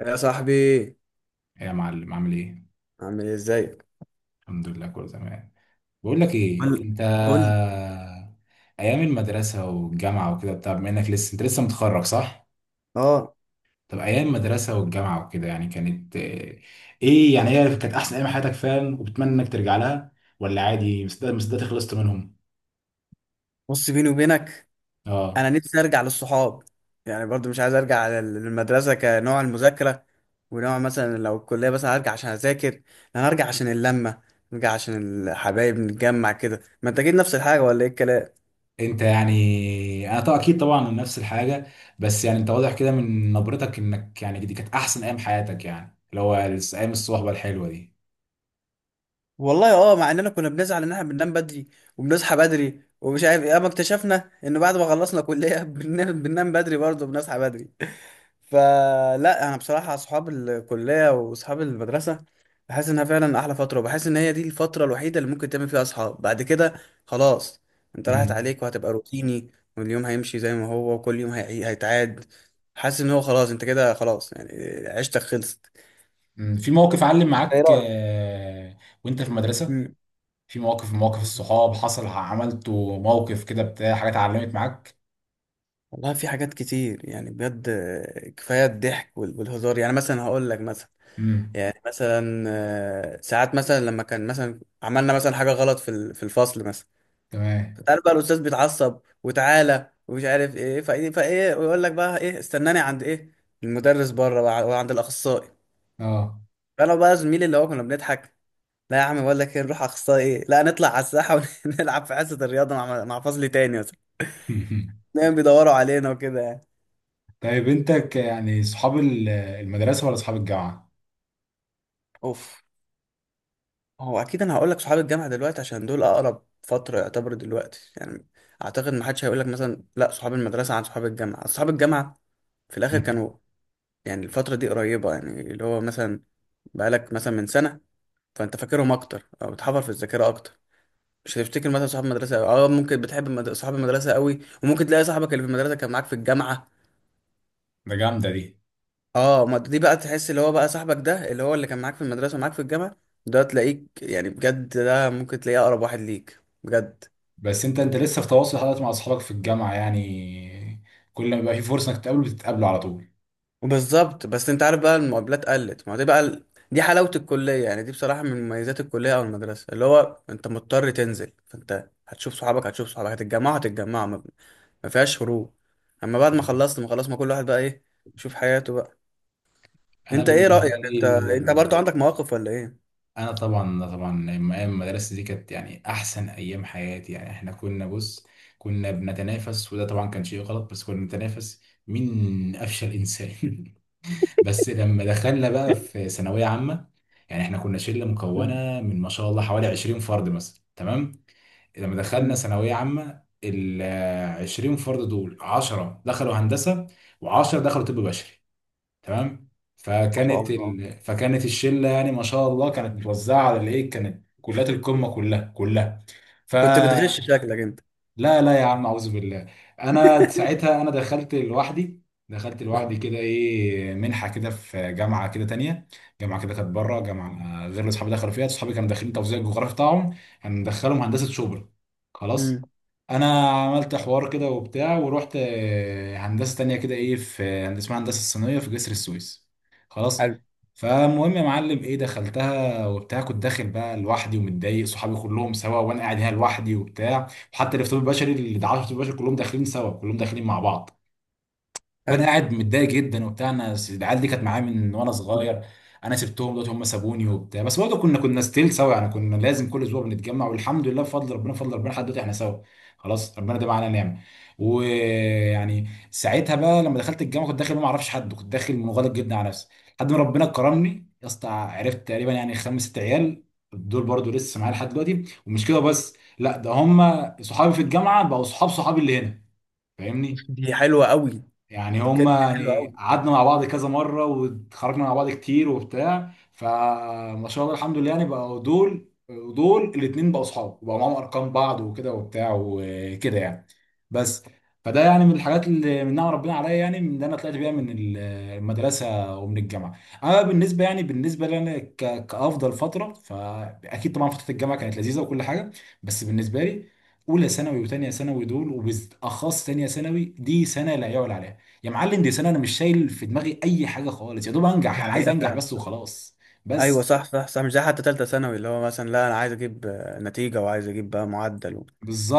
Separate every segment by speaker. Speaker 1: يا صاحبي،
Speaker 2: إيه يا معلم عامل ايه؟
Speaker 1: عامل ايه؟ ازيك؟
Speaker 2: الحمد لله، كله تمام. بقول لك ايه
Speaker 1: قول.
Speaker 2: انت.
Speaker 1: قول لي.
Speaker 2: ايام المدرسة والجامعة وكده بتاع، بما انك انت لسه متخرج، صح؟
Speaker 1: اه،
Speaker 2: طب ايام المدرسة والجامعة وكده يعني كانت ايه، يعني هي كانت احسن ايام حياتك فعلا، وبتمنى انك ترجع لها ولا عادي مصدق خلصت منهم؟
Speaker 1: بص بيني وبينك، انا
Speaker 2: اه.
Speaker 1: نفسي ارجع للصحاب. يعني برضو مش عايز ارجع للمدرسه كنوع المذاكره، ونوع مثلا لو الكليه بس هرجع عشان اذاكر. انا هرجع عشان اللمه، نرجع عشان الحبايب نتجمع كده. ما انت اكيد نفس الحاجه، ولا ايه الكلام؟
Speaker 2: انت يعني انا طبعا اكيد طبعا نفس الحاجة. بس يعني انت واضح كده من نبرتك انك يعني دي كانت احسن ايام حياتك، يعني اللي هو ايام الصحبة الحلوة
Speaker 1: والله اه، مع اننا كنا بنزعل ان احنا بننام بدري وبنصحى بدري ومش عارف ايه، اما اكتشفنا ان بعد ما خلصنا كليه بننام بدري برضه وبنصحى بدري. فلا، انا بصراحه اصحاب الكليه واصحاب المدرسه بحس انها فعلا احلى فتره، وبحس ان هي دي الفتره الوحيده اللي ممكن تعمل فيها اصحاب بعد كده. خلاص، انت
Speaker 2: دي.
Speaker 1: راحت عليك وهتبقى روتيني، واليوم هيمشي زي ما هو، وكل يوم هيتعاد. حاسس ان هو خلاص، انت كده خلاص، يعني عشتك خلصت.
Speaker 2: مم. في موقف علم
Speaker 1: ايه
Speaker 2: معاك
Speaker 1: رأيك؟
Speaker 2: وانت في المدرسة،
Speaker 1: مم.
Speaker 2: في مواقف الصحاب، حصل عملته موقف كده بتاع حاجات علمت معاك؟
Speaker 1: والله في حاجات كتير يعني، بجد كفايه الضحك والهزار. يعني مثلا هقول لك مثلا،
Speaker 2: امم.
Speaker 1: يعني مثلا ساعات مثلا لما كان مثلا عملنا مثلا حاجه غلط في الفصل مثلا.
Speaker 2: تمام.
Speaker 1: فتعالى بقى الاستاذ بيتعصب وتعالى ومش عارف ايه فايه، ويقول لك بقى ايه، استناني عند ايه، المدرس بره بقى وعند الاخصائي.
Speaker 2: اه.
Speaker 1: فانا بقى زميلي اللي هو كنا بنضحك، لا يا عم بقول لك ايه، نروح اخصائي ايه، لا نطلع على الساحه ونلعب في حصه الرياضه مع مع فصل تاني مثلا. دايما بيدوروا علينا وكده يعني.
Speaker 2: طيب، انت يعني صحاب المدرسة ولا صحاب الجامعة؟
Speaker 1: اوف، هو اكيد انا هقول لك صحاب الجامعه دلوقتي، عشان دول اقرب فتره يعتبر دلوقتي يعني. اعتقد ما حدش هيقول لك مثلا لا صحاب المدرسه عن صحاب الجامعه. صحاب الجامعه في الاخر
Speaker 2: مم.
Speaker 1: كانوا، يعني الفترة دي قريبة يعني، اللي هو مثلا بقالك مثلا من سنة، فأنت فاكرهم أكتر أو بتحفر في الذاكرة أكتر. مش هتفتكر مثلا صحاب المدرسة أوي. أه ممكن بتحب صحاب المدرسة أوي، وممكن تلاقي صاحبك اللي في المدرسة كان معاك في الجامعة.
Speaker 2: ده جامدة دي.
Speaker 1: أه، ما دي بقى تحس اللي هو بقى صاحبك ده اللي هو اللي كان معاك في المدرسة ومعاك في الجامعة، ده تلاقيك يعني بجد ده ممكن تلاقيه أقرب واحد ليك بجد.
Speaker 2: بس انت لسه في تواصل حضرتك مع اصحابك في الجامعة يعني؟ كل ما يبقى في فرصة انك تقابله بتتقابله على طول.
Speaker 1: بالظبط، بس انت عارف بقى المقابلات قلت. ما هو دي بقى دي حلاوة الكلية يعني، دي بصراحة من مميزات الكلية او المدرسة، اللي هو انت مضطر تنزل، فانت هتشوف صحابك، هتشوف صحابك، هتتجمعوا هتتجمعوا، ما فيهاش هروب. اما بعد ما
Speaker 2: يعني
Speaker 1: خلصت، ما خلاص، ما كل واحد بقى ايه، يشوف حياته بقى.
Speaker 2: انا
Speaker 1: انت، ايه
Speaker 2: بالنسبة
Speaker 1: رأيك؟
Speaker 2: لي،
Speaker 1: انت برضو عندك مواقف ولا ايه؟
Speaker 2: انا طبعا طبعا ايام المدرسه دي كانت يعني احسن ايام حياتي يعني. احنا كنا بص، كنا بنتنافس، وده طبعا كان شيء غلط، بس كنا بنتنافس مين افشل انسان. بس لما دخلنا بقى في ثانويه عامه، يعني احنا كنا شله مكونه
Speaker 1: مم.
Speaker 2: من ما شاء الله حوالي 20 فرد مثلا، تمام؟ لما دخلنا
Speaker 1: مم.
Speaker 2: ثانويه عامه، ال 20 فرد دول 10 دخلوا هندسه و10 دخلوا طب بشري، تمام.
Speaker 1: ما شاء الله.
Speaker 2: فكانت الشله يعني، ما شاء الله، كانت متوزعه على الايه، كانت كليات القمه كلها كلها. ف
Speaker 1: كنت بتغش شكلك انت؟
Speaker 2: لا لا يا عم، اعوذ بالله. انا ساعتها انا دخلت لوحدي، دخلت لوحدي
Speaker 1: اه.
Speaker 2: كده، ايه، منحه كده في جامعه كده تانية. جامعه كده كانت بره، جامعه غير اللي اصحابي دخلوا فيها. اصحابي كانوا داخلين توزيع الجغرافي بتاعهم، هندخلهم هندسه شبرا،
Speaker 1: مم.
Speaker 2: خلاص. انا عملت حوار كده وبتاع، ورحت هندسه تانية كده، ايه، في هندسه اسمها هندسه الصينيه في جسر السويس، خلاص.
Speaker 1: حلو.
Speaker 2: فالمهم يا معلم، ايه، دخلتها وبتاع، كنت داخل بقى لوحدي ومتضايق، صحابي كلهم سوا وانا قاعد هنا لوحدي وبتاع. وحتى الافتراض البشري اللي دعاه الافتراض البشري كلهم داخلين سوا، كلهم داخلين مع بعض. فانا
Speaker 1: حلو.
Speaker 2: قاعد متضايق جدا وبتاع، انا العيال دي كانت معايا من وانا صغير. انا سبتهم دلوقتي، هم سابوني وبتاع، بس برضه كنا ستيل سوا، يعني كنا لازم كل اسبوع بنتجمع، والحمد لله بفضل ربنا بفضل ربنا لحد دلوقتي احنا سوا. خلاص، ربنا ده معانا نعمه. ويعني ساعتها بقى لما دخلت الجامعه، كنت داخل ما اعرفش حد، كنت داخل منغلق جدا على نفسي، لحد ما ربنا كرمني يا اسطى، عرفت تقريبا يعني خمس ست عيال، دول برضه لسه معايا لحد دلوقتي. ومش كده بس، لا، ده هم صحابي في الجامعه بقوا صحاب صحابي اللي هنا، فاهمني؟
Speaker 1: دي حلوة قوي.
Speaker 2: يعني
Speaker 1: دي بجد
Speaker 2: هما
Speaker 1: حلوة
Speaker 2: يعني
Speaker 1: قوي.
Speaker 2: قعدنا مع بعض كذا مرة واتخرجنا مع بعض كتير وبتاع. فما شاء الله الحمد لله، يعني بقوا دول ودول الاتنين بقوا صحاب وبقوا معاهم أرقام بعض وكده وبتاع وكده يعني. بس. فده يعني من الحاجات اللي من نعم ربنا عليا، يعني من اللي انا طلعت بيها من المدرسه ومن الجامعه. اما يعني بالنسبه لي انا كافضل فتره، فاكيد طبعا فتره الجامعه كانت لذيذه وكل حاجه. بس بالنسبه لي، اولى ثانوي وثانيه ثانوي دول، وبالاخص ثانيه ثانوي، دي سنه لا يعلى عليها. يا معلم دي سنة، انا مش شايل في دماغي اي حاجة خالص، يا دوب
Speaker 1: دي
Speaker 2: انجح، انا عايز
Speaker 1: حقيقة
Speaker 2: انجح
Speaker 1: فعلا
Speaker 2: بس
Speaker 1: صح.
Speaker 2: وخلاص.
Speaker 1: ايوه
Speaker 2: بس
Speaker 1: صح صح صح. مش زي حتى تالتة ثانوي، اللي هو مثلا لا انا عايز اجيب نتيجة، وعايز اجيب بقى معدل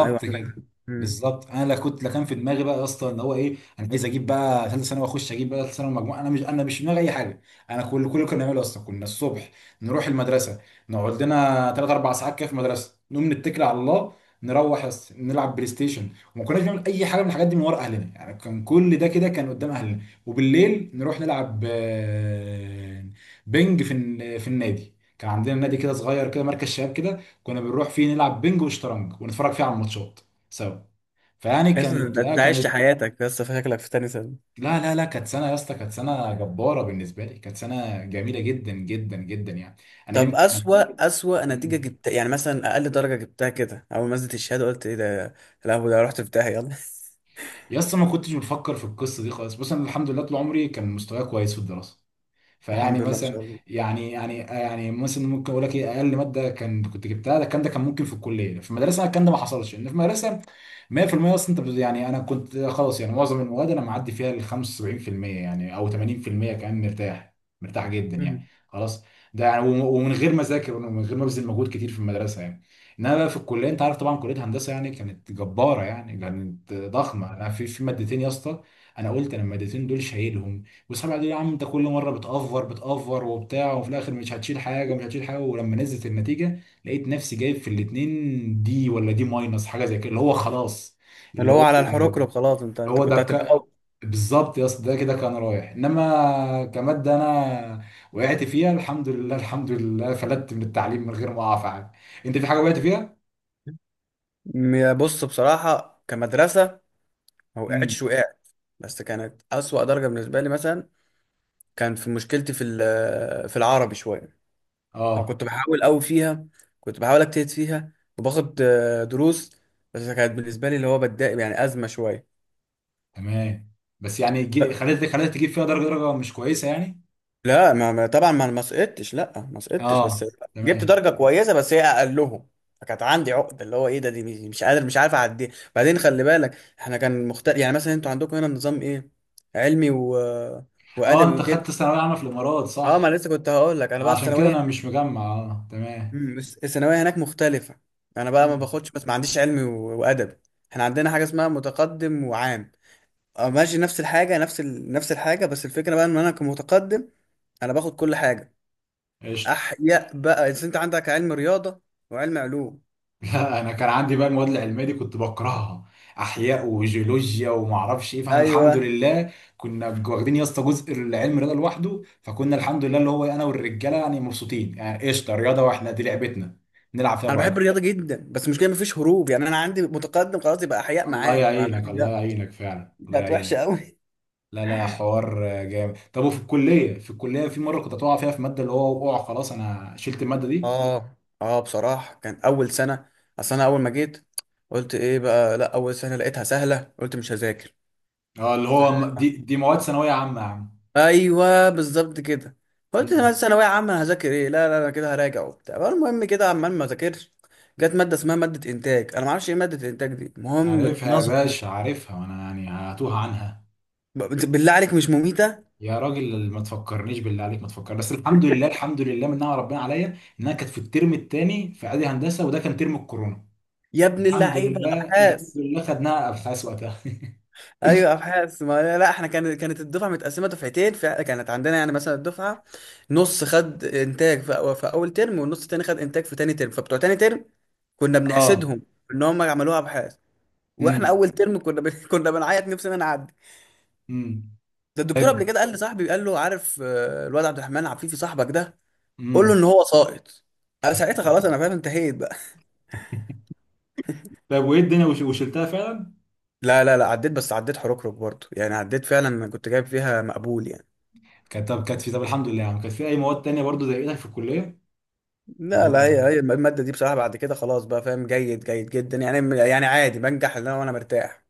Speaker 1: ايوه عندك.
Speaker 2: كده.
Speaker 1: امم
Speaker 2: بالظبط انا، لا كنت، لا كان في دماغي بقى يا اسطى ان هو ايه انا عايز اجيب بقى ثالثه ثانوي واخش اجيب بقى ثالثه ثانوي مجموعه، انا مش في دماغي اي حاجه. انا كل اللي كنا بنعمله اصلا، كنا الصبح نروح المدرسه، نقعد لنا ثلاث اربع ساعات كده في المدرسه، نقوم نتكل على الله، نروح يا اسطى نلعب بلاي ستيشن. وما كناش بنعمل اي حاجه من الحاجات دي من ورا اهلنا يعني، كان كل ده كده كان قدام اهلنا. وبالليل نروح نلعب بينج في في النادي، كان عندنا نادي كده صغير كده، مركز شباب كده، كنا بنروح فيه نلعب بينج وشطرنج ونتفرج فيه على الماتشات سوا. فيعني
Speaker 1: اصلا
Speaker 2: كانت،
Speaker 1: انت،
Speaker 2: لا
Speaker 1: أنت عشت
Speaker 2: كانت،
Speaker 1: حياتك بس، فشكلك في تاني ثانوي.
Speaker 2: لا لا لا كانت سنه يا اسطى، كانت سنه جباره بالنسبه لي، كانت سنه جميله جدا جدا جدا يعني، انا
Speaker 1: طب
Speaker 2: يمكن.
Speaker 1: اسوأ نتيجة
Speaker 2: مم.
Speaker 1: جبت يعني، مثلا اقل درجة جبتها كده اول ما نزلت الشهادة قلت ايه ده، لا هو ده رحت في داهية، يلا.
Speaker 2: يا اسطى، ما كنتش بفكر في القصه دي خالص، بص انا الحمد لله طول عمري كان مستواي كويس في الدراسه. فيعني
Speaker 1: الحمد لله ما
Speaker 2: مثلا،
Speaker 1: شاء الله.
Speaker 2: يعني مثلا ممكن اقول لك ايه اقل ماده كان كنت جبتها. ده الكلام ده كان ممكن في الكليه، في المدرسه الكلام ده ما حصلش. ان في المدرسه 100% اصلا، انت يعني انا كنت خلاص يعني معظم المواد انا معدي فيها ال 75% يعني او 80% كمان، مرتاح، مرتاح جدا يعني،
Speaker 1: مم.
Speaker 2: خلاص. ده يعني ومن غير ما اذاكر ومن غير ما ابذل مجهود كتير في المدرسه يعني. انما بقى في الكليه، انت عارف طبعا كليه هندسه يعني كانت جباره، يعني كانت ضخمه. انا في مادتين يا اسطى، انا قلت انا المادتين دول شايلهم وسبعة دي يا عم. انت كل مره بتأفور بتأفور وبتاع، وفي الاخر مش هتشيل حاجه ومش هتشيل حاجه، ولما نزلت النتيجه لقيت نفسي جايب في الاتنين دي ولا دي ماينس حاجه زي كده، اللي هو خلاص
Speaker 1: اللي
Speaker 2: اللي
Speaker 1: هو
Speaker 2: هو
Speaker 1: على
Speaker 2: اللي
Speaker 1: الحروكرو خلاص، انت
Speaker 2: هو
Speaker 1: كنت هتبقى أول.
Speaker 2: بالظبط يا اسطى ده كده كان رايح. انما كماده انا وقعت فيها، الحمد لله الحمد لله فلتت من التعليم من غير ما اقع في حاجه. انت في حاجه وقعت فيها؟
Speaker 1: بص بصراحة كمدرسة، ما
Speaker 2: امم.
Speaker 1: وقعتش. وقعت بس كانت أسوأ درجة بالنسبة لي مثلا، كان في مشكلتي في العربي شوية، أو
Speaker 2: اه،
Speaker 1: كنت بحاول أوي فيها، كنت بحاول أجتهد فيها، وباخد دروس. بس كانت بالنسبة لي اللي هو بتضايق، يعني أزمة شوية.
Speaker 2: تمام. بس يعني
Speaker 1: ب-
Speaker 2: خليت تجيب فيها درجه مش كويسه يعني.
Speaker 1: لا طبعا ما سقطتش، لا ما سقطتش، بس
Speaker 2: اه،
Speaker 1: جبت
Speaker 2: تمام.
Speaker 1: درجة كويسة بس هي أقلهم. فكانت عندي عقدة، اللي هو إيه ده، دي مش مش قادر مش عارف أعديها. بعدين خلي بالك، إحنا كان مختلف، يعني مثلا أنتوا عندكم هنا نظام إيه، علمي
Speaker 2: اه،
Speaker 1: وأدبي
Speaker 2: انت خدت
Speaker 1: وكده.
Speaker 2: ثانوية عامة في الامارات،
Speaker 1: أه،
Speaker 2: صح؟
Speaker 1: ما أنا لسه كنت هقول لك، أنا بقى
Speaker 2: عشان كده
Speaker 1: الثانوية
Speaker 2: انا مش مجمع، اه، تمام.
Speaker 1: بس الثانويه هناك مختلفه. انا بقى ما
Speaker 2: مم.
Speaker 1: باخدش، بس ما عنديش علمي وادبي. احنا عندنا حاجه اسمها متقدم وعام. اه ماشي، نفس الحاجه، نفس نفس الحاجه، بس الفكره بقى ان انا كمتقدم، انا باخد كل حاجه.
Speaker 2: قشطة.
Speaker 1: احياء بقى إذا انت عندك علم رياضه وعلم علوم.
Speaker 2: لا انا كان عندي بقى المواد العلمية دي كنت بكرهها، احياء وجيولوجيا وما اعرفش ايه. فاحنا الحمد
Speaker 1: ايوه،
Speaker 2: لله كنا واخدين يا اسطى جزء العلم رياضة لوحده، فكنا الحمد لله اللي هو انا والرجالة يعني مبسوطين، يعني قشطة رياضة، واحنا دي لعبتنا، نلعب فيها
Speaker 1: انا بحب
Speaker 2: براحتنا.
Speaker 1: الرياضه جدا، بس مش كده مفيش هروب. يعني انا عندي متقدم خلاص، يبقى احياء
Speaker 2: الله
Speaker 1: معاك. ما
Speaker 2: يعينك
Speaker 1: عملتش
Speaker 2: الله
Speaker 1: لا،
Speaker 2: يعينك فعلا، الله
Speaker 1: كانت وحشه
Speaker 2: يعينك.
Speaker 1: قوي.
Speaker 2: لا لا حوار جامد. طب وفي الكلية في الكلية في مرة كنت هتقع فيها في مادة، اللي هو وقع خلاص، انا شلت المادة دي.
Speaker 1: اه. اه بصراحه، كان اول سنه، اصل انا اول ما جيت قلت ايه بقى، لا اول سنه لقيتها سهله، قلت مش هذاكر.
Speaker 2: اه، اللي
Speaker 1: ف-
Speaker 2: هو دي مواد ثانويه عامه يا عم.
Speaker 1: ايوه بالظبط كده. قلت انا
Speaker 2: مم.
Speaker 1: بس ثانويه عامه هذاكر ايه، لا لا انا كده هراجع وبتاع، المهم كده عمال ما ذاكرش. جت ماده اسمها ماده انتاج، انا ما اعرفش ايه ماده انتاج دي، المهم
Speaker 2: عارفها يا
Speaker 1: نظري.
Speaker 2: باشا، عارفها، وانا يعني هتوه عنها.
Speaker 1: ب- بالله عليك، مش مميته؟
Speaker 2: يا راجل ما تفكرنيش، بالله عليك ما تفكر بس. الحمد لله الحمد لله من نعم ربنا عليا انها كانت في الترم الثاني في اعدادي هندسه، وده كان ترم الكورونا.
Speaker 1: يا ابن
Speaker 2: الحمد
Speaker 1: اللعيبه،
Speaker 2: لله الحمد
Speaker 1: ابحاث.
Speaker 2: لله خدناها ابحاث وقتها.
Speaker 1: ايوه ابحاث، ما لا، لا احنا كانت كانت الدفعه متقسمه دفعتين، فكانت عندنا يعني مثلا الدفعه نص خد انتاج في، في اول ترم، والنص التاني خد انتاج في تاني ترم. فبتوع تاني ترم كنا
Speaker 2: اه.
Speaker 1: بنحسدهم ان هم عملوها ابحاث، واحنا
Speaker 2: امم.
Speaker 1: اول ترم كنا كنا بنعيط نفسنا نعدي.
Speaker 2: امم.
Speaker 1: ده الدكتور قبل
Speaker 2: طيب.
Speaker 1: كده قال لصاحبي، قال له عارف الواد عبد الرحمن عفيفي صاحبك ده، قول له
Speaker 2: امم.
Speaker 1: ان هو ساقط. انا ساعتها خلاص انا فاهم انتهيت بقى.
Speaker 2: طيب، وايه الدنيا وشلتها فعلا؟
Speaker 1: لا لا لا، عديت بس، عديت حركرك برضه يعني، عديت فعلا، انا كنت جايب فيها مقبول يعني.
Speaker 2: كانت طب، كانت في طب الحمد لله يعني، كانت في اي مواد تانية برضو زي ايدك في الكليه؟ اللي
Speaker 1: لا
Speaker 2: هو،
Speaker 1: لا، هي الماده دي بصراحه بعد كده خلاص بقى فاهم جيد جدا يعني، يعني عادي بنجح، اللي انا وانا مرتاح.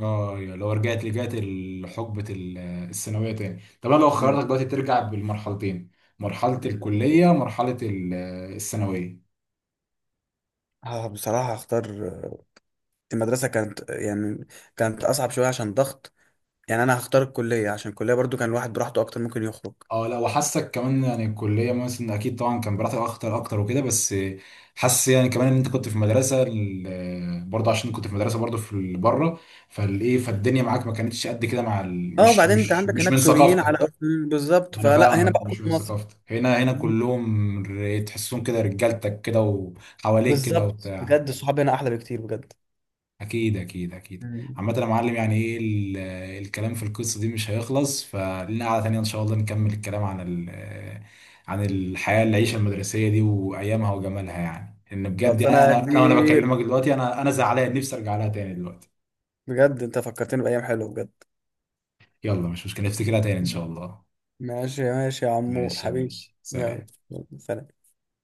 Speaker 2: اه، يا لو رجعت لحقبة الثانوية تاني. طب انا لو
Speaker 1: مم.
Speaker 2: خيرتك دلوقتي ترجع بالمرحلتين، مرحلة
Speaker 1: مم.
Speaker 2: الكلية مرحلة الثانوية.
Speaker 1: اه بصراحه هختار. المدرسه كانت يعني كانت اصعب شويه عشان ضغط. يعني انا هختار الكليه، عشان الكليه برضو كان الواحد براحته اكتر، ممكن يخرج.
Speaker 2: اه، لا، وحاسك كمان يعني الكلية مثلا اكيد طبعا كان براحتك اكتر اكتر وكده، بس حاسس يعني كمان ان انت كنت في مدرسة برضه، عشان كنت في مدرسة برضه في بره. فالدنيا معاك ما كانتش قد كده مع
Speaker 1: اه
Speaker 2: مش
Speaker 1: بعدين انت
Speaker 2: مش
Speaker 1: عندك
Speaker 2: مش
Speaker 1: هناك
Speaker 2: من
Speaker 1: سوريين
Speaker 2: ثقافتك.
Speaker 1: على بالظبط،
Speaker 2: انا
Speaker 1: فلا هنا
Speaker 2: فاهمك،
Speaker 1: بقى
Speaker 2: مش
Speaker 1: كله
Speaker 2: من
Speaker 1: مصري.
Speaker 2: ثقافتك. هنا
Speaker 1: مم.
Speaker 2: كلهم تحسهم كده رجالتك كده وحواليك كده
Speaker 1: بالظبط
Speaker 2: وبتاع.
Speaker 1: بجد، الصحاب هنا احلى بكتير بجد.
Speaker 2: اكيد اكيد اكيد.
Speaker 1: مم.
Speaker 2: عامة يا معلم، يعني، ايه الكلام في القصة دي مش هيخلص. فلنا قعدة تانية ان شاء الله نكمل الكلام عن عن الحياة العيشة المدرسية دي وايامها وجمالها، يعني ان بجد
Speaker 1: خلصانه
Speaker 2: يعني،
Speaker 1: يا
Speaker 2: انا وانا
Speaker 1: كبير،
Speaker 2: بكلمك دلوقتي انا زعلان نفسي ارجع لها تاني دلوقتي.
Speaker 1: بجد انت فكرتني بايام حلوه بجد.
Speaker 2: يلا مش مشكلة، نفتكرها تاني ان
Speaker 1: مم.
Speaker 2: شاء الله.
Speaker 1: ماشي ماشي يا عمور
Speaker 2: ماشي يا
Speaker 1: حبيبي.
Speaker 2: باشا،
Speaker 1: يلا.
Speaker 2: سلام.
Speaker 1: يلا، سلام.